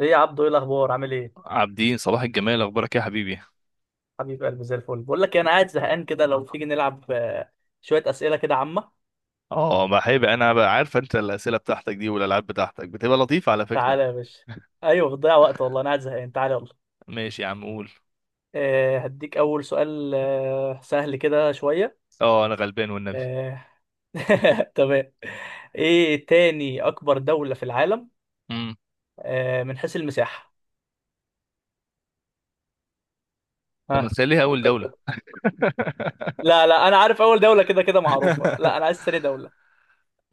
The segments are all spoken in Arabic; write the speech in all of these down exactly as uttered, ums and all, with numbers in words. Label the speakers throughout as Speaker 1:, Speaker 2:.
Speaker 1: ايه يا عبدو، ايه الاخبار؟ عامل ايه؟
Speaker 2: عابدين، صباح الجمال. اخبارك إيه يا حبيبي؟
Speaker 1: حبيب قلبي، زي الفل. بقول لك إيه، انا قاعد زهقان كده، لو تيجي نلعب آه، شويه اسئله كده عامه.
Speaker 2: اه بحب انا بقى عارف انت الاسئله بتاعتك دي والالعاب بتاعتك بتبقى لطيفه على
Speaker 1: تعالى
Speaker 2: فكره.
Speaker 1: يا باشا. ايوه، بتضيع وقت، والله انا قاعد زهقان، تعالى يلا.
Speaker 2: ماشي يا عم، قول.
Speaker 1: أه هديك اول سؤال، أه سهل كده شويه.
Speaker 2: اه، انا غلبان والنبي.
Speaker 1: أه. تمام. ايه تاني اكبر دوله في العالم؟
Speaker 2: امم.
Speaker 1: أه من حيث المساحه.
Speaker 2: طب ما
Speaker 1: ها،
Speaker 2: تخليها اول
Speaker 1: فكر
Speaker 2: دوله؟
Speaker 1: كده. لا لا انا عارف اول دوله كده كده معروفه، لا انا عايز تاني دوله.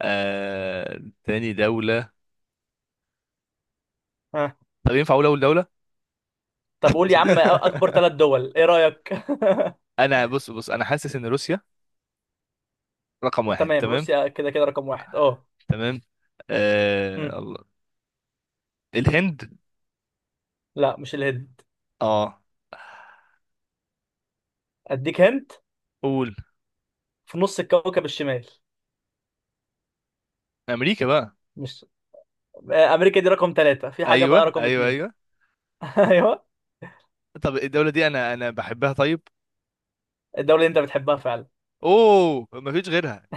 Speaker 2: آه... تاني دوله.
Speaker 1: ها.
Speaker 2: طب ينفع اقول اول دوله؟
Speaker 1: طب قول يا عم، اكبر ثلاث دول ايه رايك؟
Speaker 2: انا بص بص، انا حاسس ان روسيا رقم واحد.
Speaker 1: تمام،
Speaker 2: تمام.
Speaker 1: روسيا كده كده رقم واحد، اه.
Speaker 2: تمام.
Speaker 1: مم.
Speaker 2: آه... الله. الهند.
Speaker 1: لا مش الهند.
Speaker 2: اه،
Speaker 1: اديك هنت.
Speaker 2: قول.
Speaker 1: في نص الكوكب الشمال.
Speaker 2: امريكا بقى.
Speaker 1: مش آه، امريكا. دي رقم ثلاثة، في حاجة بقى
Speaker 2: ايوه،
Speaker 1: رقم
Speaker 2: ايوه،
Speaker 1: اتنين.
Speaker 2: ايوه.
Speaker 1: ايوه.
Speaker 2: طب الدوله دي انا انا بحبها، طيب.
Speaker 1: الدولة اللي انت بتحبها فعلا؟
Speaker 2: اوه، مفيش غيرها.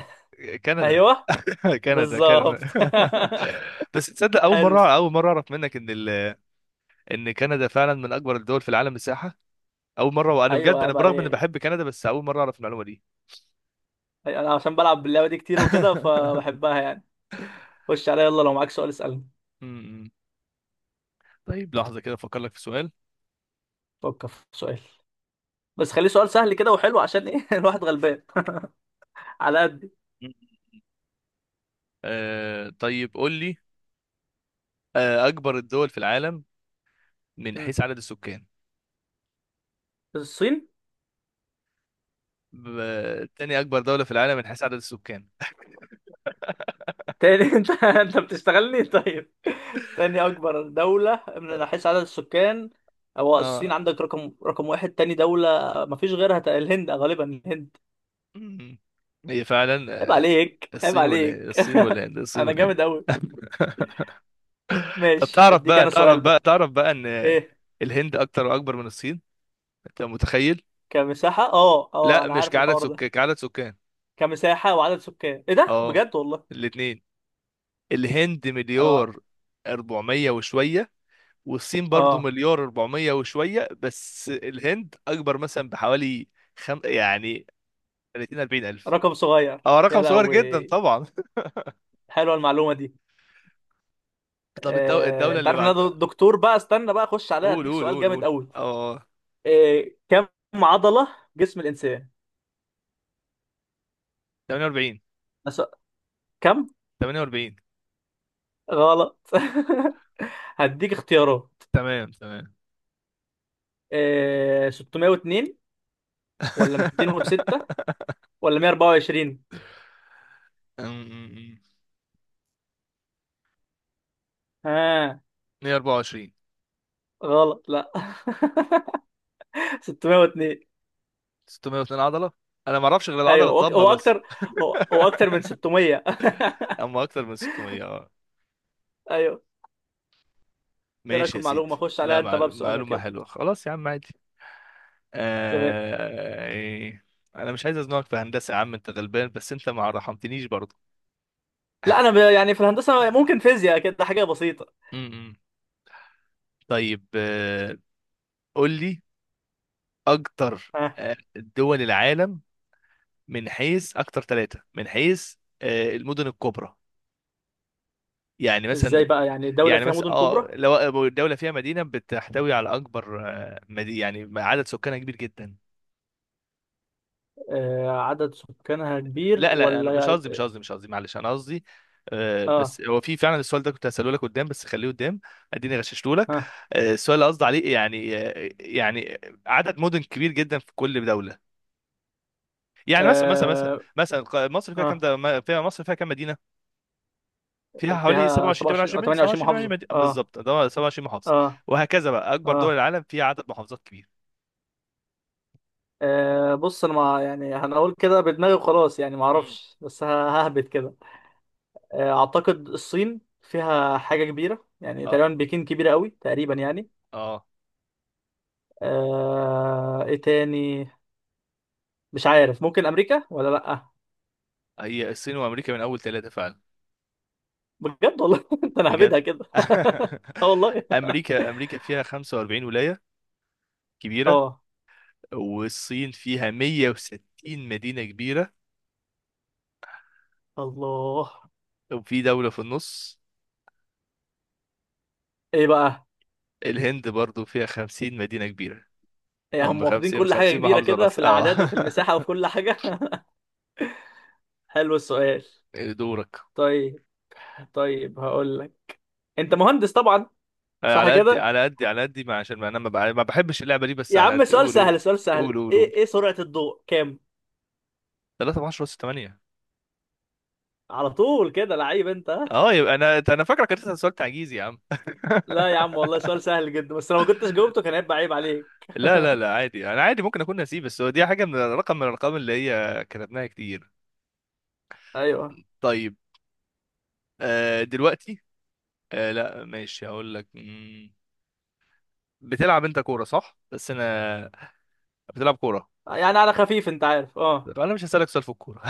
Speaker 2: كندا.
Speaker 1: ايوه،
Speaker 2: كندا، كندا.
Speaker 1: بالظبط.
Speaker 2: بس تصدق، اول
Speaker 1: حلو.
Speaker 2: مره اول مره اعرف منك ان ال... ان كندا فعلا من اكبر الدول في العالم مساحه. اول مره، وانا
Speaker 1: ايوه
Speaker 2: بجد انا
Speaker 1: عيب
Speaker 2: برغم اني بحب
Speaker 1: عليك.
Speaker 2: كندا بس اول مره اعرف المعلومه دي.
Speaker 1: أي- انا عشان بلعب باللعبة دي كتير وكده فبحبها يعني. خش عليا، يلا لو معاك سؤال اسألني.
Speaker 2: أمم. طيب، لحظه كده افكر لك في سؤال.
Speaker 1: فكر في سؤال، بس خليه سؤال سهل كده وحلو، عشان ايه الواحد غلبان على قد.
Speaker 2: آه طيب، قول لي. آه اكبر الدول في العالم من حيث عدد السكان.
Speaker 1: الصين.
Speaker 2: ب... تاني اكبر دوله في العالم من حيث عدد السكان؟
Speaker 1: تاني؟ انت انت بتشتغلني؟ طيب، تاني اكبر دولة من حيث عدد السكان؟ هو الصين
Speaker 2: اه.
Speaker 1: عندك رقم رقم واحد، تاني دولة مفيش غيرها. تق- الهند، غالبا الهند.
Speaker 2: مم. هي فعلا.
Speaker 1: عيب
Speaker 2: آه،
Speaker 1: عليك، عيب
Speaker 2: الصين والهند،
Speaker 1: عليك.
Speaker 2: الصين والهند، الصين
Speaker 1: انا
Speaker 2: والهند.
Speaker 1: جامد اوي.
Speaker 2: طب
Speaker 1: ماشي،
Speaker 2: تعرف
Speaker 1: اديك
Speaker 2: بقى،
Speaker 1: انا
Speaker 2: تعرف
Speaker 1: سؤال
Speaker 2: بقى،
Speaker 1: بقى.
Speaker 2: تعرف بقى ان
Speaker 1: ايه؟
Speaker 2: الهند اكتر واكبر من الصين. انت متخيل؟
Speaker 1: كمساحة، اه اه،
Speaker 2: لا،
Speaker 1: انا
Speaker 2: مش
Speaker 1: عارف
Speaker 2: كعدد
Speaker 1: الحوار ده.
Speaker 2: سكان، كعدد سكان.
Speaker 1: كمساحة وعدد سكان؟ ايه ده
Speaker 2: اه.
Speaker 1: بجد والله!
Speaker 2: الاتنين. الهند
Speaker 1: انا.
Speaker 2: مليار أربعمية وشوية. والصين برضو
Speaker 1: اه.
Speaker 2: مليار أربعمية وشوية، بس الهند اكبر مثلا بحوالي خم... يعني ثلاثين، أربعين الف.
Speaker 1: رقم صغير
Speaker 2: اه،
Speaker 1: يا
Speaker 2: رقم صغير جدا
Speaker 1: لهوي.
Speaker 2: طبعا.
Speaker 1: حلوه المعلومة دي.
Speaker 2: طب الدو...
Speaker 1: آه،
Speaker 2: الدولة
Speaker 1: انت
Speaker 2: اللي
Speaker 1: عارف ان انا
Speaker 2: بعد.
Speaker 1: دكتور بقى، استنى بقى اخش عليها،
Speaker 2: قول،
Speaker 1: اديك
Speaker 2: قول،
Speaker 1: سؤال
Speaker 2: قول،
Speaker 1: جامد
Speaker 2: قول.
Speaker 1: قوي.
Speaker 2: اه.
Speaker 1: إيه كم عضلة جسم الإنسان؟
Speaker 2: ثمانية وأربعين.
Speaker 1: أس- كم؟
Speaker 2: تمنية وأربعين.
Speaker 1: غلط. هديك اختيارات،
Speaker 2: تمام، تمام.
Speaker 1: إيه ستمية واتنين ولا ميتين وستة ولا مية واربعة وعشرين؟ ها.
Speaker 2: مائة وأربعة وعشرين.
Speaker 1: غلط، لا. ستمية واتنين.
Speaker 2: ستمائة واثنين عضلة. انا ما اعرفش غير العضلة
Speaker 1: ايوه، هو
Speaker 2: الضمة
Speaker 1: هو
Speaker 2: بس.
Speaker 1: اكتر، هو هو اكتر من ستمية.
Speaker 2: اما اكتر من ستمية، اه.
Speaker 1: ايوه. ايه رايك في
Speaker 2: ماشي يا سيدي.
Speaker 1: المعلومه؟ خش عليها
Speaker 2: لا،
Speaker 1: انت بقى
Speaker 2: معل-
Speaker 1: بسؤالك
Speaker 2: معلومة
Speaker 1: يلا.
Speaker 2: حلوة، خلاص يا عم، عادي.
Speaker 1: تمام.
Speaker 2: آه... إيه. انا مش عايز ازنقك في هندسة يا عم، انت غلبان، بس انت ما رحمتنيش برضه.
Speaker 1: لا انا ب... يعني في الهندسه ممكن فيزياء كده حاجه بسيطه.
Speaker 2: م- م. طيب. آه... قول لي اكتر.
Speaker 1: ها؟
Speaker 2: آه، دول العالم من حيث اكتر ثلاثة، من حيث آه، المدن الكبرى. يعني مثلا.
Speaker 1: ازاي بقى يعني دوله
Speaker 2: يعني،
Speaker 1: فيها
Speaker 2: بس
Speaker 1: مدن كبرى؟
Speaker 2: اه لو الدولة فيها مدينة بتحتوي على أكبر، آه، مدي يعني عدد سكانها كبير جدا.
Speaker 1: آه عدد سكانها كبير
Speaker 2: لا، لا، أنا مش
Speaker 1: ولا؟
Speaker 2: قصدي، مش قصدي، مش قصدي، معلش، أنا قصدي. آه،
Speaker 1: اه.
Speaker 2: بس هو في فعلا السؤال ده كنت هسأله لك قدام، بس خليه قدام. اديني غششته لك.
Speaker 1: ها.
Speaker 2: آه، السؤال اللي قصدي عليه يعني، آه، يعني عدد مدن كبير جدا في كل دولة. يعني مثلا، مثلا مثلا
Speaker 1: اه
Speaker 2: مثلا ق- مصر فيها كام،
Speaker 1: اه.
Speaker 2: ده ما- فيها مصر فيها كام مدينة؟ فيها حوالي
Speaker 1: فيها
Speaker 2: سبعة وعشرين،
Speaker 1: سبعة وعشرين
Speaker 2: تمنية وعشرين
Speaker 1: او
Speaker 2: مدينة،
Speaker 1: ثمانية وعشرين
Speaker 2: سبعة وعشرين، تمنية وعشرين
Speaker 1: محافظة،
Speaker 2: مدينة
Speaker 1: اه.
Speaker 2: بالظبط، ده هو سبعة وعشرين محافظة.
Speaker 1: اه
Speaker 2: وهكذا بقى، أكبر دول
Speaker 1: اه.
Speaker 2: العالم فيها عدد محافظات كبير.
Speaker 1: آه، بص انا ما، يعني هنقول كده بدماغي وخلاص، يعني ما
Speaker 2: مم.
Speaker 1: اعرفش، بس ه- ههبد كده. آه، اعتقد الصين فيها حاجة كبيرة، يعني تقريبا بكين كبيرة قوي تقريبا
Speaker 2: اه.
Speaker 1: يعني.
Speaker 2: آه.
Speaker 1: آه، ايه تاني؟ مش عارف، ممكن امريكا ولا لا.
Speaker 2: هي الصين وامريكا من اول ثلاثه فعلا.
Speaker 1: بجد والله؟ انت، انا
Speaker 2: بجد.
Speaker 1: هبدها كده. اه والله.
Speaker 2: امريكا امريكا فيها خمسة وأربعين ولايه كبيره.
Speaker 1: اه.
Speaker 2: والصين فيها مية وستين مدينه كبيره.
Speaker 1: الله.
Speaker 2: وفي دوله في النص.
Speaker 1: ايه بقى؟
Speaker 2: الهند برضو فيها خمسين مدينه كبيره.
Speaker 1: يعني
Speaker 2: او
Speaker 1: هم
Speaker 2: من
Speaker 1: واخدين
Speaker 2: خمسين،
Speaker 1: كل حاجة
Speaker 2: خمسين
Speaker 1: كبيرة
Speaker 2: محافظه
Speaker 1: كده،
Speaker 2: راس،
Speaker 1: في الأعداد
Speaker 2: اه.
Speaker 1: وفي المساحة وفي كل حاجة. حلو السؤال.
Speaker 2: دورك.
Speaker 1: طيب. طيب هقول لك، أنت مهندس طبعا، صح
Speaker 2: على قد،
Speaker 1: كده؟
Speaker 2: على قد، على قد ما، عشان ما انا ما بع- ما بحبش اللعبه دي، بس
Speaker 1: يا
Speaker 2: على
Speaker 1: عم
Speaker 2: قد،
Speaker 1: سؤال
Speaker 2: قول، قول،
Speaker 1: سهل، سؤال
Speaker 2: قول،
Speaker 1: سهل.
Speaker 2: قول، قول.
Speaker 1: إيه إيه سرعة الضوء كام؟
Speaker 2: ثلاثة ب عشرة تمنية.
Speaker 1: على طول كده لعيب أنت، ها؟
Speaker 2: اه، يبقى انا انا فاكرك كنت سألت عجيز يا عم.
Speaker 1: لا يا عم والله سؤال سهل جدا، بس لو ما كنتش جاوبته كان هيبقى عيب عليك.
Speaker 2: لا، لا، لا، عادي، انا عادي، ممكن اكون نسيب، بس هو دي حاجه من رقم، من الارقام اللي هي كتبناها كتير.
Speaker 1: أيوه.
Speaker 2: طيب. آه دلوقتي. آه لا، ماشي، هقول لك. مم، بتلعب انت كوره صح؟ بس انا بتلعب كوره.
Speaker 1: يعني على خفيف، أنت عارف، أه.
Speaker 2: فانا مش هسالك سؤال في الكوره.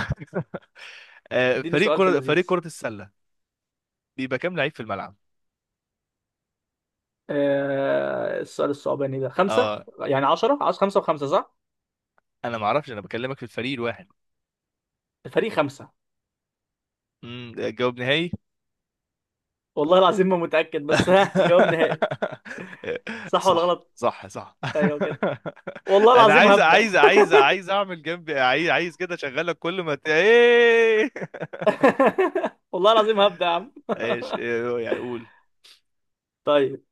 Speaker 2: آه
Speaker 1: اديني
Speaker 2: فريق
Speaker 1: سؤال في
Speaker 2: كره، فريق
Speaker 1: اللذيذ.
Speaker 2: كره السله، بيبقى كام لعيب في الملعب؟
Speaker 1: آه السؤال الصعباني ده خمسة.
Speaker 2: اه،
Speaker 1: يعني عشرة، عاوز خمسة وخمسة، صح؟
Speaker 2: انا ما اعرفش، انا بكلمك في الفريق الواحد.
Speaker 1: الفريق خمسة.
Speaker 2: امم جواب نهائي.
Speaker 1: والله العظيم ما متأكد، بس ها، جواب نهائي. صح ولا
Speaker 2: صح،
Speaker 1: غلط؟
Speaker 2: صح، صح.
Speaker 1: ايوه كده. والله
Speaker 2: انا
Speaker 1: العظيم
Speaker 2: عايز
Speaker 1: هبدأ.
Speaker 2: عايز عايز عايز اعمل جنبي، عايز عايز كده اشغلك، كل ما ت... ايه.
Speaker 1: والله العظيم هبدأ يا عم.
Speaker 2: ايش إيه، يعني اقول.
Speaker 1: طيب.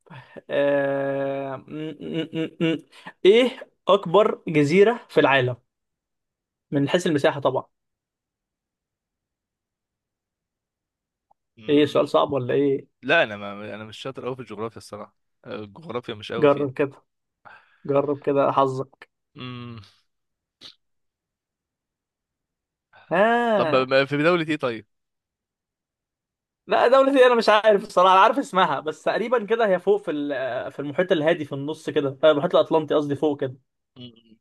Speaker 1: آه... م- م- م- م. ايه اكبر جزيرة في العالم، من حيث المساحة طبعا. ايه سؤال
Speaker 2: مم.
Speaker 1: صعب ولا ايه؟
Speaker 2: لا، انا ما انا مش شاطر قوي في الجغرافيا الصراحه. الجغرافيا مش قوي فيها.
Speaker 1: جرب كده، جرب كده حظك.
Speaker 2: مم. طب
Speaker 1: ها.
Speaker 2: ما- في دولة ايه، طيب.
Speaker 1: لا دولة ايه، انا مش عارف الصراحة، انا عارف اسمها بس. تقريبا كده هي فوق في ال- في المحيط الهادي، في النص كده، آه، المحيط الاطلنطي قصدي، فوق كده.
Speaker 2: مم.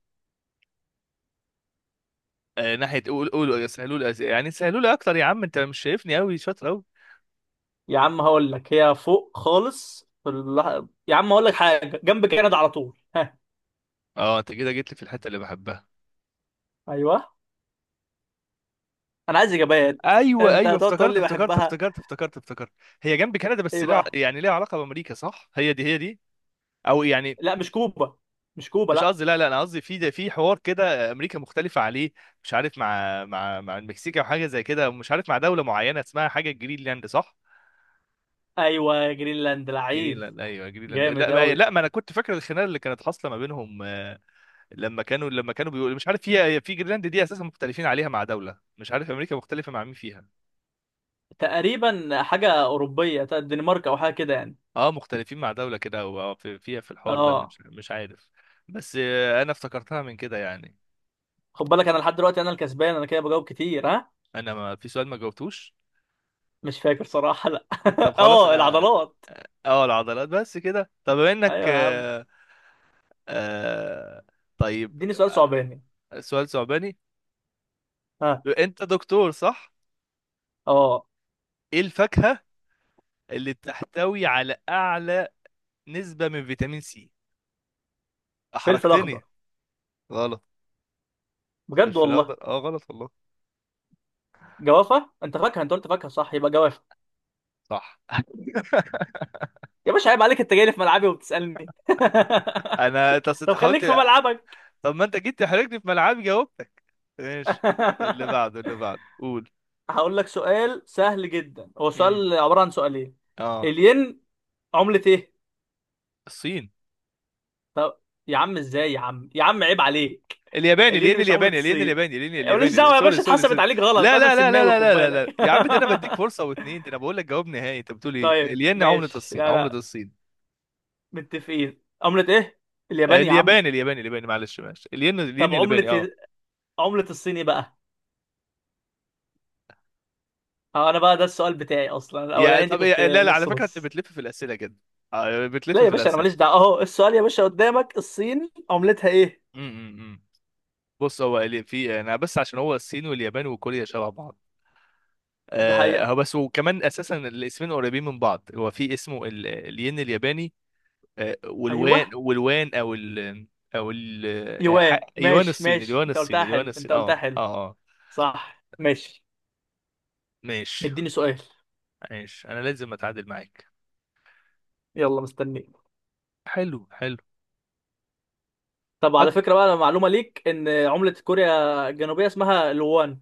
Speaker 2: آه ناحية، قول، قول، سهلوا لي أس- يعني سهلوا لي اكتر يا عم، انت مش شايفني قوي شاطر قوي.
Speaker 1: يا عم هقول لك، هي فوق خالص في ال... يا عم هقول لك، حاجة جنب كندا على طول.
Speaker 2: اه، انت كده جيت لي في الحتة اللي بحبها.
Speaker 1: ايوه. انا عايز اجابات.
Speaker 2: ايوه،
Speaker 1: انت
Speaker 2: ايوه،
Speaker 1: هتقعد تقول
Speaker 2: افتكرت،
Speaker 1: لي
Speaker 2: افتكرت
Speaker 1: بحبها؟
Speaker 2: افتكرت افتكرت افتكرت هي جنب كندا، بس
Speaker 1: ايه
Speaker 2: لها
Speaker 1: بقى؟
Speaker 2: يعني ليها علاقه بامريكا، صح؟ هي دي، هي دي. او يعني،
Speaker 1: لا مش كوبا، مش كوبا،
Speaker 2: مش
Speaker 1: لا.
Speaker 2: قصدي، لا، لا، انا قصدي في ده، في حوار كده امريكا مختلفه عليه. مش عارف مع مع مع المكسيك او حاجه زي كده، ومش عارف مع دوله معينه اسمها حاجه جرينلاند، صح؟
Speaker 1: ايوه جرينلاند، لعيب.
Speaker 2: جرينلاند، ايوه جرينلاند، لا
Speaker 1: جامد
Speaker 2: ما
Speaker 1: قوي.
Speaker 2: لا ما انا كنت فاكر الخناقه اللي كانت حاصله ما بينهم. آه، لما كانوا لما كانوا بيقولوا مش عارف في في جرينلاند دي اساسا مختلفين عليها مع دوله، مش عارف امريكا مختلفه مع مين فيها.
Speaker 1: تقريبا حاجه اوروبيه بتاعت الدنمارك او حاجه كده يعني.
Speaker 2: اه، مختلفين مع دولة كده، او أو في- فيها في الحوار ده،
Speaker 1: اه.
Speaker 2: مش مش عارف. بس، آه، انا افتكرتها من كده يعني.
Speaker 1: خد بالك انا لحد دلوقتي انا الكسبان، انا كده بجاوب كتير، ها.
Speaker 2: انا ما في سؤال ما جاوبتوش.
Speaker 1: مش فاكر صراحه، لا.
Speaker 2: طب خلاص،
Speaker 1: اه،
Speaker 2: اه.
Speaker 1: العضلات.
Speaker 2: آه، آه، العضلات بس كده، طب بما انك
Speaker 1: ايوه يا عم.
Speaker 2: آه آه طيب.
Speaker 1: اديني سؤال صعباني.
Speaker 2: آه، سؤال صعباني.
Speaker 1: ها.
Speaker 2: انت دكتور، صح؟
Speaker 1: اه.
Speaker 2: ايه الفاكهة اللي بتحتوي على اعلى نسبة من فيتامين سي؟
Speaker 1: فلفل اخضر.
Speaker 2: احرجتني. غلط.
Speaker 1: بجد
Speaker 2: فلفل اخضر،
Speaker 1: والله.
Speaker 2: اه غلط والله.
Speaker 1: جوافه. انت فاكهه؟ انت قلت فاكهه، صح؟ يبقى جوافه.
Speaker 2: صح.
Speaker 1: يا باشا عيب عليك، انت جاي لي في ملعبي وبتسالني.
Speaker 2: انا تص-
Speaker 1: طب خليك في
Speaker 2: حاولت.
Speaker 1: ملعبك.
Speaker 2: طب ما انت جيت تحرجني في ملعبي، جاوبتك. ماشي. اللي بعده، اللي بعده، قول.
Speaker 1: هقول لك سؤال سهل جدا، هو
Speaker 2: امم
Speaker 1: سؤال عبارة عن سؤالين.
Speaker 2: اه.
Speaker 1: الين عملة ايه؟
Speaker 2: الصين.
Speaker 1: طب. يا عم ازاي؟ يا عم، يا عم عيب عليك.
Speaker 2: الياباني
Speaker 1: الين
Speaker 2: الين،
Speaker 1: مش عملة
Speaker 2: الياباني الين،
Speaker 1: الصين.
Speaker 2: الياباني الين،
Speaker 1: ماليش
Speaker 2: الياباني الين-
Speaker 1: دعوة يا
Speaker 2: سوري،
Speaker 1: باشا،
Speaker 2: سوري،
Speaker 1: اتحسبت
Speaker 2: سوري.
Speaker 1: عليك غلط،
Speaker 2: لا،
Speaker 1: انا
Speaker 2: لا، لا، لا،
Speaker 1: سماوي
Speaker 2: لا،
Speaker 1: خد
Speaker 2: لا، لا،
Speaker 1: بالك.
Speaker 2: لا، يا عم، ده انا بديك فرصه واتنين، ده انا بقول لك جواب نهائي، انت بتقول ايه،
Speaker 1: طيب
Speaker 2: الين عمله
Speaker 1: ماشي.
Speaker 2: الصين،
Speaker 1: لا
Speaker 2: عمله
Speaker 1: لا،
Speaker 2: الصين؟
Speaker 1: متفقين. عملة ايه؟ اليابان يا عم.
Speaker 2: الياباني، الياباني، الياباني، معلش، معلش، الين الين
Speaker 1: طب
Speaker 2: الياباني، اه.
Speaker 1: عملة، عملة الصيني بقى. اه انا بقى، ده السؤال بتاعي اصلا،
Speaker 2: يا
Speaker 1: الاولاني دي
Speaker 2: طب إيه-
Speaker 1: كنت
Speaker 2: لا، لا، على
Speaker 1: نص
Speaker 2: فكره، انت
Speaker 1: نص.
Speaker 2: بتلف في الاسئله كده. آه، بتلف
Speaker 1: لا يا
Speaker 2: في
Speaker 1: باشا انا
Speaker 2: الاسئله.
Speaker 1: ماليش دعوه، اهو السؤال يا باشا قدامك، الصين عملتها ايه؟
Speaker 2: امم أمم، أمم. بص، هو اللي في انا بس عشان هو الصين واليابان وكوريا شبه بعض.
Speaker 1: ده
Speaker 2: آه، هو
Speaker 1: حقيقه.
Speaker 2: بس وكمان اساسا الاسمين قريبين من بعض، هو في اسمه ال- الين الياباني. آه،
Speaker 1: ايوه،
Speaker 2: والوان، والوان، او ال او ال آه، ح-
Speaker 1: يوان.
Speaker 2: يوان
Speaker 1: ماشي
Speaker 2: الصيني،
Speaker 1: ماشي،
Speaker 2: اليوان
Speaker 1: انت قلتها
Speaker 2: الصيني، اليوان
Speaker 1: حلو، انت
Speaker 2: الصيني،
Speaker 1: قلتها
Speaker 2: اه،
Speaker 1: حلو.
Speaker 2: اه، اه.
Speaker 1: صح ماشي.
Speaker 2: ماشي،
Speaker 1: اديني سؤال.
Speaker 2: ماشي، انا لازم اتعادل معاك.
Speaker 1: يلا مستنيك.
Speaker 2: حلو، حلو.
Speaker 1: طب
Speaker 2: أج...
Speaker 1: على فكره بقى، معلومه ليك ان عمله كوريا الجنوبيه اسمها الوان.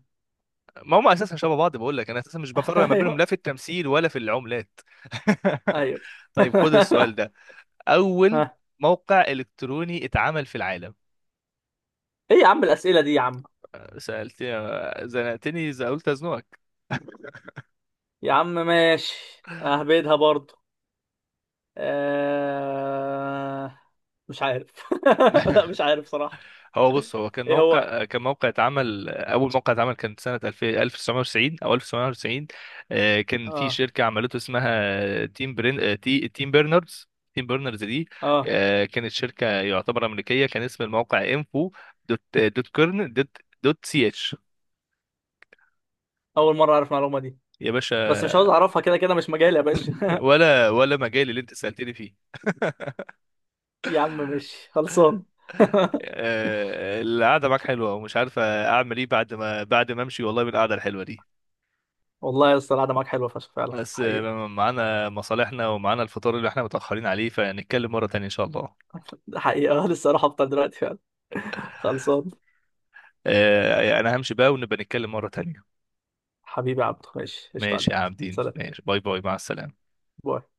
Speaker 2: ما هم اساسا شبه بعض، بقول لك انا اساسا مش بفرق ما بينهم، لا
Speaker 1: ايوه،
Speaker 2: في التمثيل ولا في العملات.
Speaker 1: ايوه.
Speaker 2: طيب، خد السؤال ده. اول
Speaker 1: ها.
Speaker 2: موقع الكتروني اتعمل في العالم؟
Speaker 1: ايه يا عم الاسئله دي يا عم؟
Speaker 2: آه، سالت، آه، زنقتني. إذا قلت ازنقك.
Speaker 1: يا عم ماشي، اهبدها برضه. آه... مش عارف. لا مش عارف صراحه.
Speaker 2: هو بص، هو كان
Speaker 1: ايه هو؟
Speaker 2: موقع كان موقع اتعمل، اول موقع اتعمل كان سنه الفين، ألف وتسعمائة وتسعين او ألف وتسعمائة وتسعين. آه، كان في
Speaker 1: اه.
Speaker 2: شركه عملته اسمها تيم برين، آه، تي تيم بيرنرز. تيم بيرنرز دي،
Speaker 1: اه.
Speaker 2: آه، كانت شركه يعتبر امريكيه، كان اسم الموقع انفو دوت، آه، دوت كيرن دوت، دوت سي اتش.
Speaker 1: اول مره اعرف المعلومه دي،
Speaker 2: يا
Speaker 1: بس مش عاوز
Speaker 2: باشا،
Speaker 1: اعرفها، كده كده مش مجالي يا باشا.
Speaker 2: ولا ولا مجال اللي انت سالتني فيه.
Speaker 1: يا عم ماشي، خلصان.
Speaker 2: آه، القعده معاك حلوه، ومش عارف اعمل ايه بعد ما بعد ما امشي والله من القعده الحلوه دي.
Speaker 1: والله يا اسطى القعده معاك حلوه فشخ، فعلا
Speaker 2: بس
Speaker 1: حقيقه.
Speaker 2: معانا مصالحنا ومعانا الفطار اللي احنا متأخرين عليه، فنتكلم مرة تانية ان شاء الله.
Speaker 1: ده حقيقه، لسه اروح افطر دلوقتي فعلا. خلصان.
Speaker 2: آه، يعني انا همشي بقى، ونبقى نتكلم مرة تانية.
Speaker 1: حبيبي يا عبدو، ماشي، قشطه
Speaker 2: ماشي
Speaker 1: عليك.
Speaker 2: يا عابدين،
Speaker 1: سلام.
Speaker 2: ماشي، باي باي، مع السلامة.
Speaker 1: باي.